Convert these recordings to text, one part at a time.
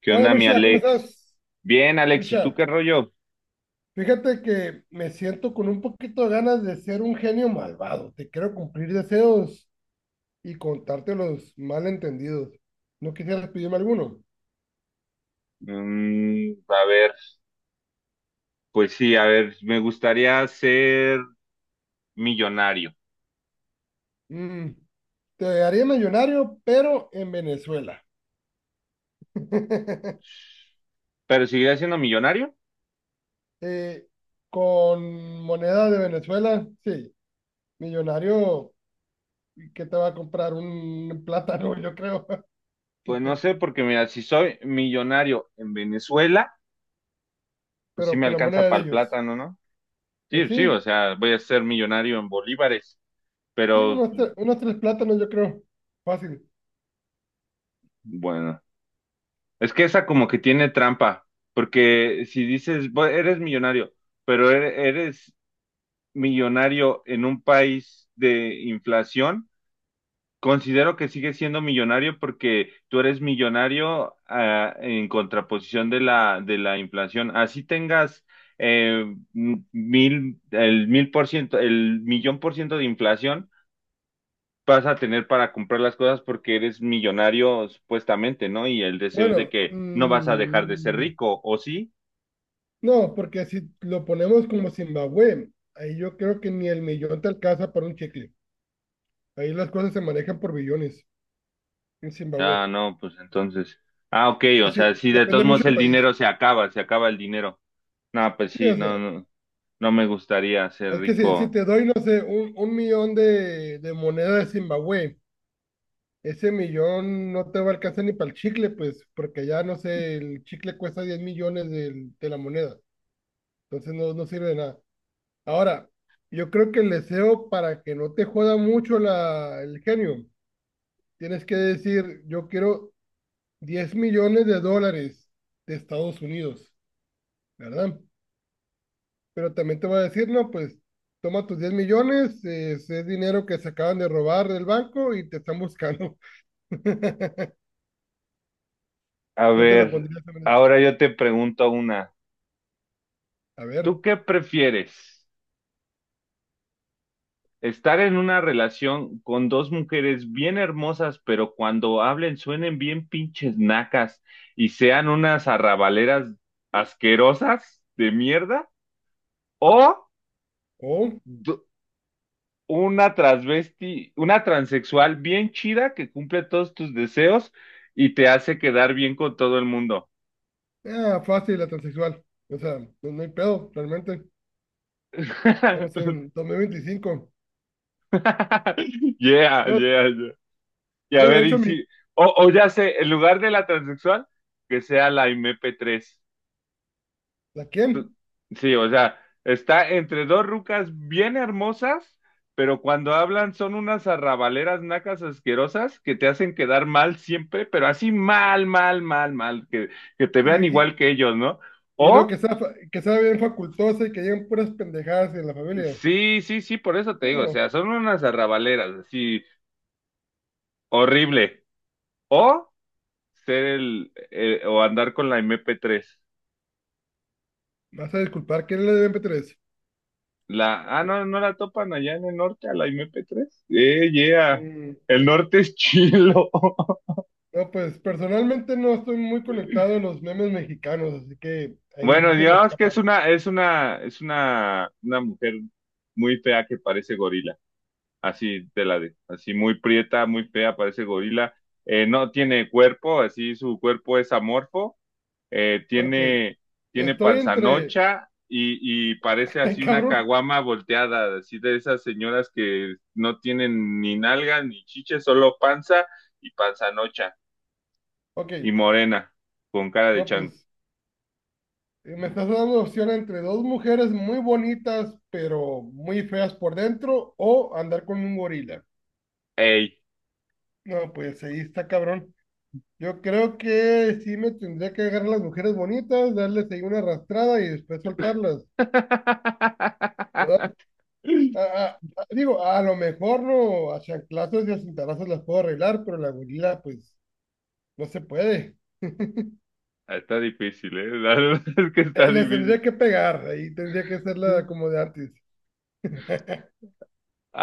¿Qué Hola onda, mi Mircha, ¿cómo Alex? estás? Bien, Alex, ¿y tú Mircha, qué rollo? fíjate que me siento con un poquito de ganas de ser un genio malvado. Te quiero cumplir deseos y contarte los malentendidos. ¿No quisieras pedirme alguno? Mm, a ver, pues sí, a ver, me gustaría ser millonario, Mm, Te haría millonario, pero en Venezuela. pero ¿seguiré siendo millonario? Eh, con moneda de Venezuela, sí. Millonario, ¿qué te va a comprar? Un plátano, yo creo. Pues no sé, porque mira, si soy millonario en Venezuela, pues sí Pero me con la alcanza moneda de para el ellos. plátano, ¿no? Pues Sí, sí, o sí, sea, voy a ser millonario en bolívares, sí, pero unos 3 plátanos, yo creo. Fácil. bueno, es que esa como que tiene trampa, porque si dices: "Eres millonario, pero eres millonario en un país de inflación". Considero que sigue siendo millonario porque tú eres millonario, en contraposición de la inflación. Así tengas eh, mil, el 1000%, el 1,000,000% de inflación, vas a tener para comprar las cosas porque eres millonario supuestamente, ¿no? Y el deseo es de Bueno, que no vas a dejar de ser rico, ¿o sí? no, porque si lo ponemos como Zimbabue, ahí yo creo que ni el millón te alcanza para un chicle. Ahí las cosas se manejan por billones en Zimbabue. Ah, no, pues entonces. Ah, ok, o Así, sea, sí, de todos depende mucho modos del el país. dinero se acaba el dinero. No, pues Sí, sí, o no, sea, no, no me gustaría ser es que si rico. te doy, no sé, un millón de moneda de Zimbabue, ese millón no te va a alcanzar ni para el chicle, pues, porque ya, no sé, el chicle cuesta 10 millones de la moneda. Entonces no sirve de nada. Ahora, yo creo que el deseo para que no te joda mucho el genio, tienes que decir, yo quiero $10 millones de Estados Unidos, ¿verdad? Pero también te va a decir, no, pues toma tus 10 millones, es dinero que se acaban de robar del banco y te están buscando. A Yo te la ver, pondría de esa manera. ahora yo te pregunto una. A ver, ¿Tú qué prefieres? ¿Estar en una relación con dos mujeres bien hermosas, pero cuando hablen suenen bien pinches nacas y sean unas arrabaleras asquerosas de mierda? ¿O o, d- una transvesti, una transexual bien chida que cumple todos tus deseos y te hace quedar bien con todo el mundo? Fácil, la transexual. O sea, no, no hay pedo, realmente. Estamos en 2025. Yeah, No, yeah, yeah. Y a mira, ver, de y hecho, si, o ya sé, en lugar de la transexual, que sea la MP3. ¿la quién? Sí, o sea, está entre dos rucas bien hermosas, pero cuando hablan son unas arrabaleras nacas asquerosas que te hacen quedar mal siempre, pero así mal, mal, mal, mal, que te Y, vean y, igual que ellos, ¿no? y luego que O, sea, fa- que sea bien facultosa y que lleguen puras pendejadas en la familia. sí, sí, sí, por eso te digo, o No, sea, son unas arrabaleras, así, horrible. O ser el- o andar con la MP3. me vas a disculpar, ¿quién le debe meter eso? No, no la topan allá en el norte a la MP3. Yeah. Mm. El norte es chilo. No, pues personalmente no estoy muy conectado a los memes mexicanos, así que ahí Bueno, sí se me digamos que escapa. es una mujer muy fea que parece gorila. Así te la de, así muy prieta, muy fea, parece gorila. No tiene cuerpo, así su cuerpo es amorfo, eh, Ok, tiene, tiene estoy entre. panzanocha y parece Ay, así una cabrón. caguama volteada, así de esas señoras que no tienen ni nalga ni chiche, solo panza y panzanocha Ok, y morena, con cara de no, chango. pues me estás dando opción entre dos mujeres muy bonitas, pero muy feas por dentro, o andar con un gorila. ¡Ey! No, pues ahí está, cabrón. Yo creo que sí me tendría que agarrar las mujeres bonitas, darles ahí una arrastrada y después soltarlas, ¿verdad? A- Digo, a lo mejor no, a chanclazos y a cintarazos las puedo arreglar, pero la gorila, pues, no se puede. Está difícil, ¿eh? La verdad es que está Les tendría difícil. que pegar, ahí tendría que hacerla como de antes.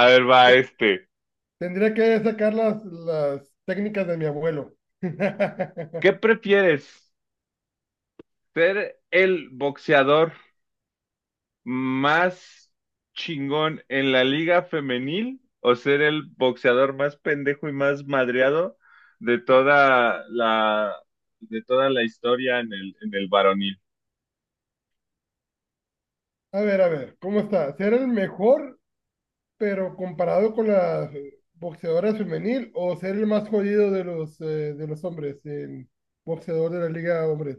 A ver, va este. Tendría que sacar las técnicas de mi abuelo. ¿Qué prefieres? ¿Ser el boxeador más chingón en la liga femenil o ser el boxeador más pendejo y más madreado de toda la historia en el varonil? A ver, ¿cómo está? ¿Ser el mejor pero comparado con la boxeadora femenil o ser el más jodido de los hombres, el boxeador de la liga de hombres?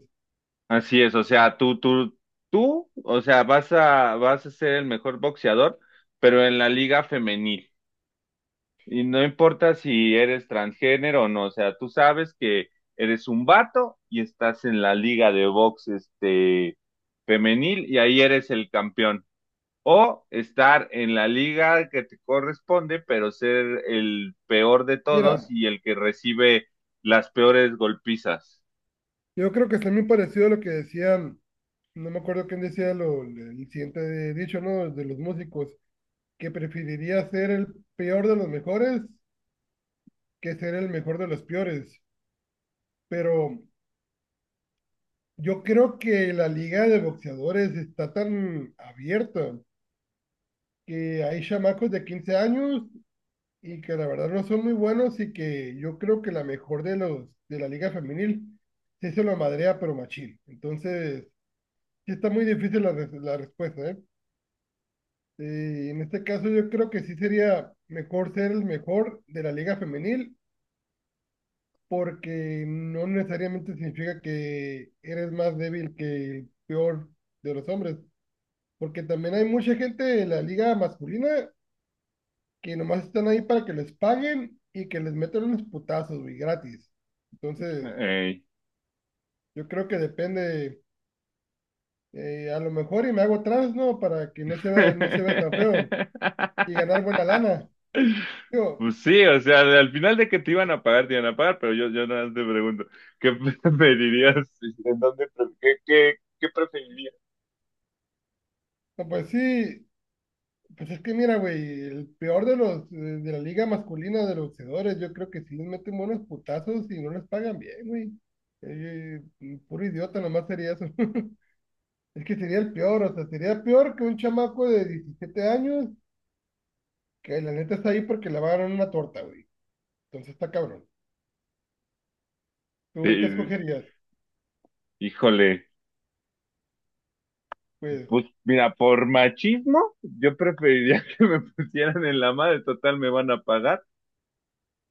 Así es, o sea, tú, o sea, vas a ser el mejor boxeador, pero en la liga femenil. Y no importa si eres transgénero o no, o sea, tú sabes que eres un vato y estás en la liga de box este femenil y ahí eres el campeón. O estar en la liga que te corresponde, pero ser el peor de todos Mira, y el que recibe las peores golpizas. yo creo que está muy parecido a lo que decían, no me acuerdo quién decía lo, el siguiente dicho, ¿no? De los músicos, que preferiría ser el peor de los mejores que ser el mejor de los peores. Pero yo creo que la liga de boxeadores está tan abierta que hay chamacos de 15 años y que la verdad no son muy buenos y que yo creo que la mejor de los de la liga femenil sí se lo madrea pero machín. Entonces, sí está muy difícil la, la respuesta, ¿eh? En este caso yo creo que sí sería mejor ser el mejor de la liga femenil porque no necesariamente significa que eres más débil que el peor de los hombres, porque también hay mucha gente en la liga masculina que nomás están ahí para que les paguen y que les metan unos putazos, güey, gratis. Entonces, Ey. yo creo que depende, a lo mejor y me hago trans, ¿no? Para que no se vea, no se vea tan feo y ganar buena lana. Digo, Pues sí, o sea, al final de que te iban a pagar, te iban a pagar, pero yo nada más te pregunto, ¿qué preferirías? ¿En dónde, qué preferirías? no, pues sí, pues es que mira, güey, el peor de los, de la liga masculina de los boxeadores, yo creo que sí les meten buenos putazos y no les pagan bien, güey. Eh, Puro idiota, nomás sería eso. Es que sería el peor, o sea, sería peor que un chamaco de 17 años que la neta está ahí porque le va a dar una torta, güey. Entonces está cabrón. ¿Tú qué Eh, escogerías? híjole, Pues, pues mira, por machismo, yo preferiría que me pusieran en la madre, total me van a pagar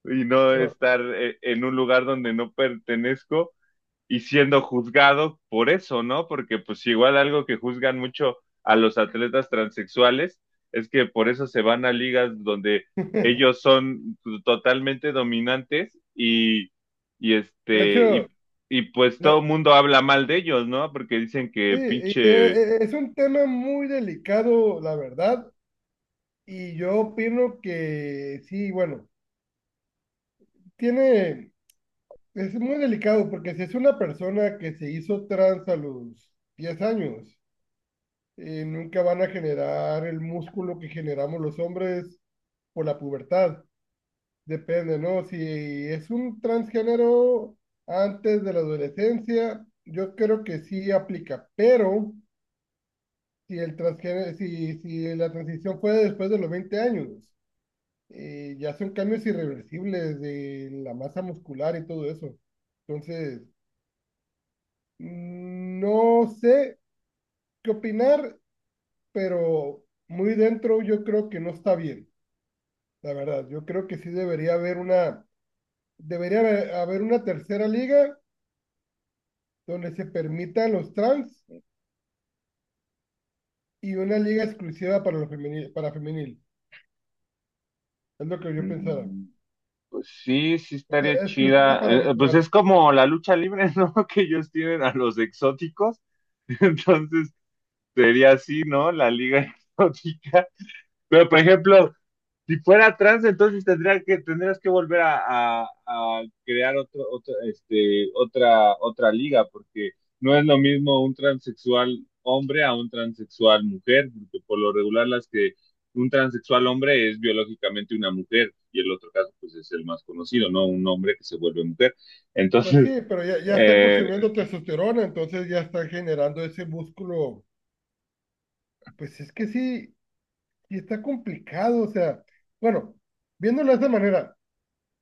y no pero. estar en un lugar donde no pertenezco y siendo juzgado por eso, ¿no? Porque pues igual algo que juzgan mucho a los atletas transexuales es que por eso se van a ligas donde De ellos son totalmente dominantes y este hecho, y, y pues todo le- el mundo habla mal de ellos, ¿no? Porque dicen sí, que pinche, es un tema muy delicado, la verdad, y yo opino que sí, bueno, tiene, es muy delicado porque si es una persona que se hizo trans a los 10 años, nunca van a generar el músculo que generamos los hombres por la pubertad. Depende, ¿no? Si es un transgénero antes de la adolescencia, yo creo que sí aplica, pero si el transgénero, si la transición fue después de los 20 años, ya son cambios irreversibles de la masa muscular y todo eso. Entonces, no sé qué opinar, pero muy dentro yo creo que no está bien, la verdad. Yo creo que sí debería haber una, debería haber haber una tercera liga donde se permitan los trans y una liga exclusiva para, lo femenil, para femenil. Es lo que yo pensaba. mm, pues sí, sí O sea, estaría exclusiva chida. para Pues natural. es como la lucha libre, ¿no? Que ellos tienen a los exóticos. Entonces sería así, ¿no? La liga exótica. Pero, por ejemplo, si fuera trans, entonces tendrías que volver a, a crear otra, otra liga, porque no es lo mismo un transexual hombre a un transexual mujer, porque por lo regular las que un transexual hombre es biológicamente una mujer, y el otro caso pues es el más conocido, ¿no? Un hombre que se vuelve mujer. Pues sí, Entonces, pero ya, ya están eh, consumiendo testosterona, entonces ya están generando ese músculo. Pues es que sí, sí está complicado. O sea, bueno, viéndolo de esta manera,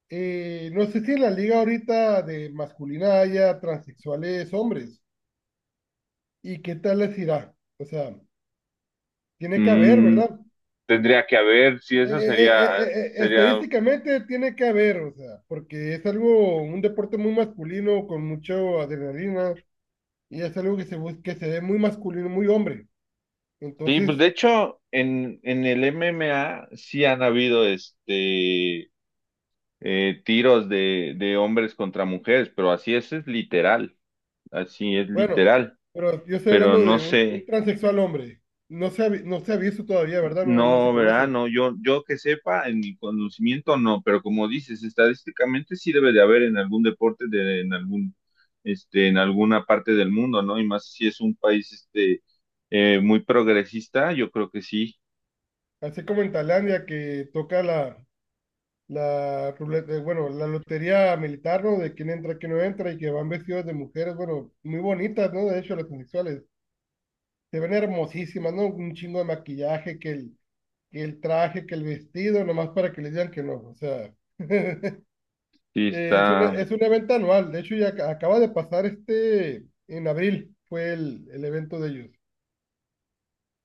no sé si en la liga ahorita de masculina haya transexuales hombres. ¿Y qué tal les irá? O sea, tiene que haber, mm, ¿verdad? tendría que haber, si eso sería, sería. Estadísticamente tiene que haber, o sea, porque es algo, un deporte muy masculino, con mucha adrenalina, y es algo que que se ve muy masculino, muy hombre. Sí, pues Entonces, de hecho, en el MMA sí han habido tiros de hombres contra mujeres, pero así es literal, así es bueno, literal, pero yo estoy pero hablando no de un sé, transexual hombre. No se ha visto todavía, ¿verdad? No, no se no, ¿verdad? conoce. No, yo que sepa, en mi conocimiento no, pero como dices, estadísticamente sí debe de haber en algún deporte de, en algún, este, en alguna parte del mundo, ¿no? Y más si es un país muy progresista, yo creo que sí, Así como en Tailandia que toca la, la ruleta, bueno, la lotería militar, ¿no? De quién entra, quién no entra, y que van vestidos de mujeres, bueno, muy bonitas, ¿no? De hecho, las transexuales se ven hermosísimas, ¿no? Un chingo de maquillaje, que el traje, que el vestido, nomás para que les digan que no. O sea, eh, sí es una, está. es un evento anual. De hecho, ya acaba de pasar este, en abril fue el evento de ellos.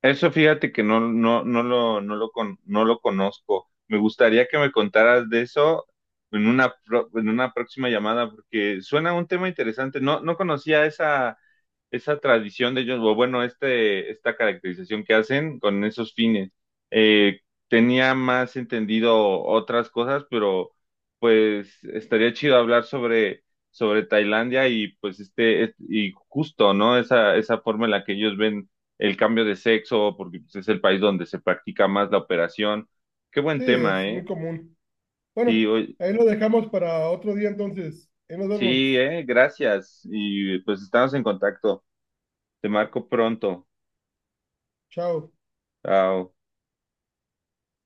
Eso fíjate que no, no, no lo conozco. Me gustaría que me contaras de eso en una próxima llamada, porque suena un tema interesante. No, no conocía esa tradición de ellos, o bueno, este, esta caracterización que hacen con esos fines. Eh, tenía más entendido otras cosas, pero pues estaría chido hablar sobre Tailandia y pues y justo, ¿no? Esa forma en la que ellos ven el cambio de sexo, porque pues, es el país donde se practica más la operación. Qué buen Sí, tema, es muy ¿eh? común. Sí, Bueno, oye, ahí lo dejamos para otro día entonces. Ahí nos vemos. sí, ¿eh? Gracias. Y pues estamos en contacto. Te marco pronto. Chao. Chao.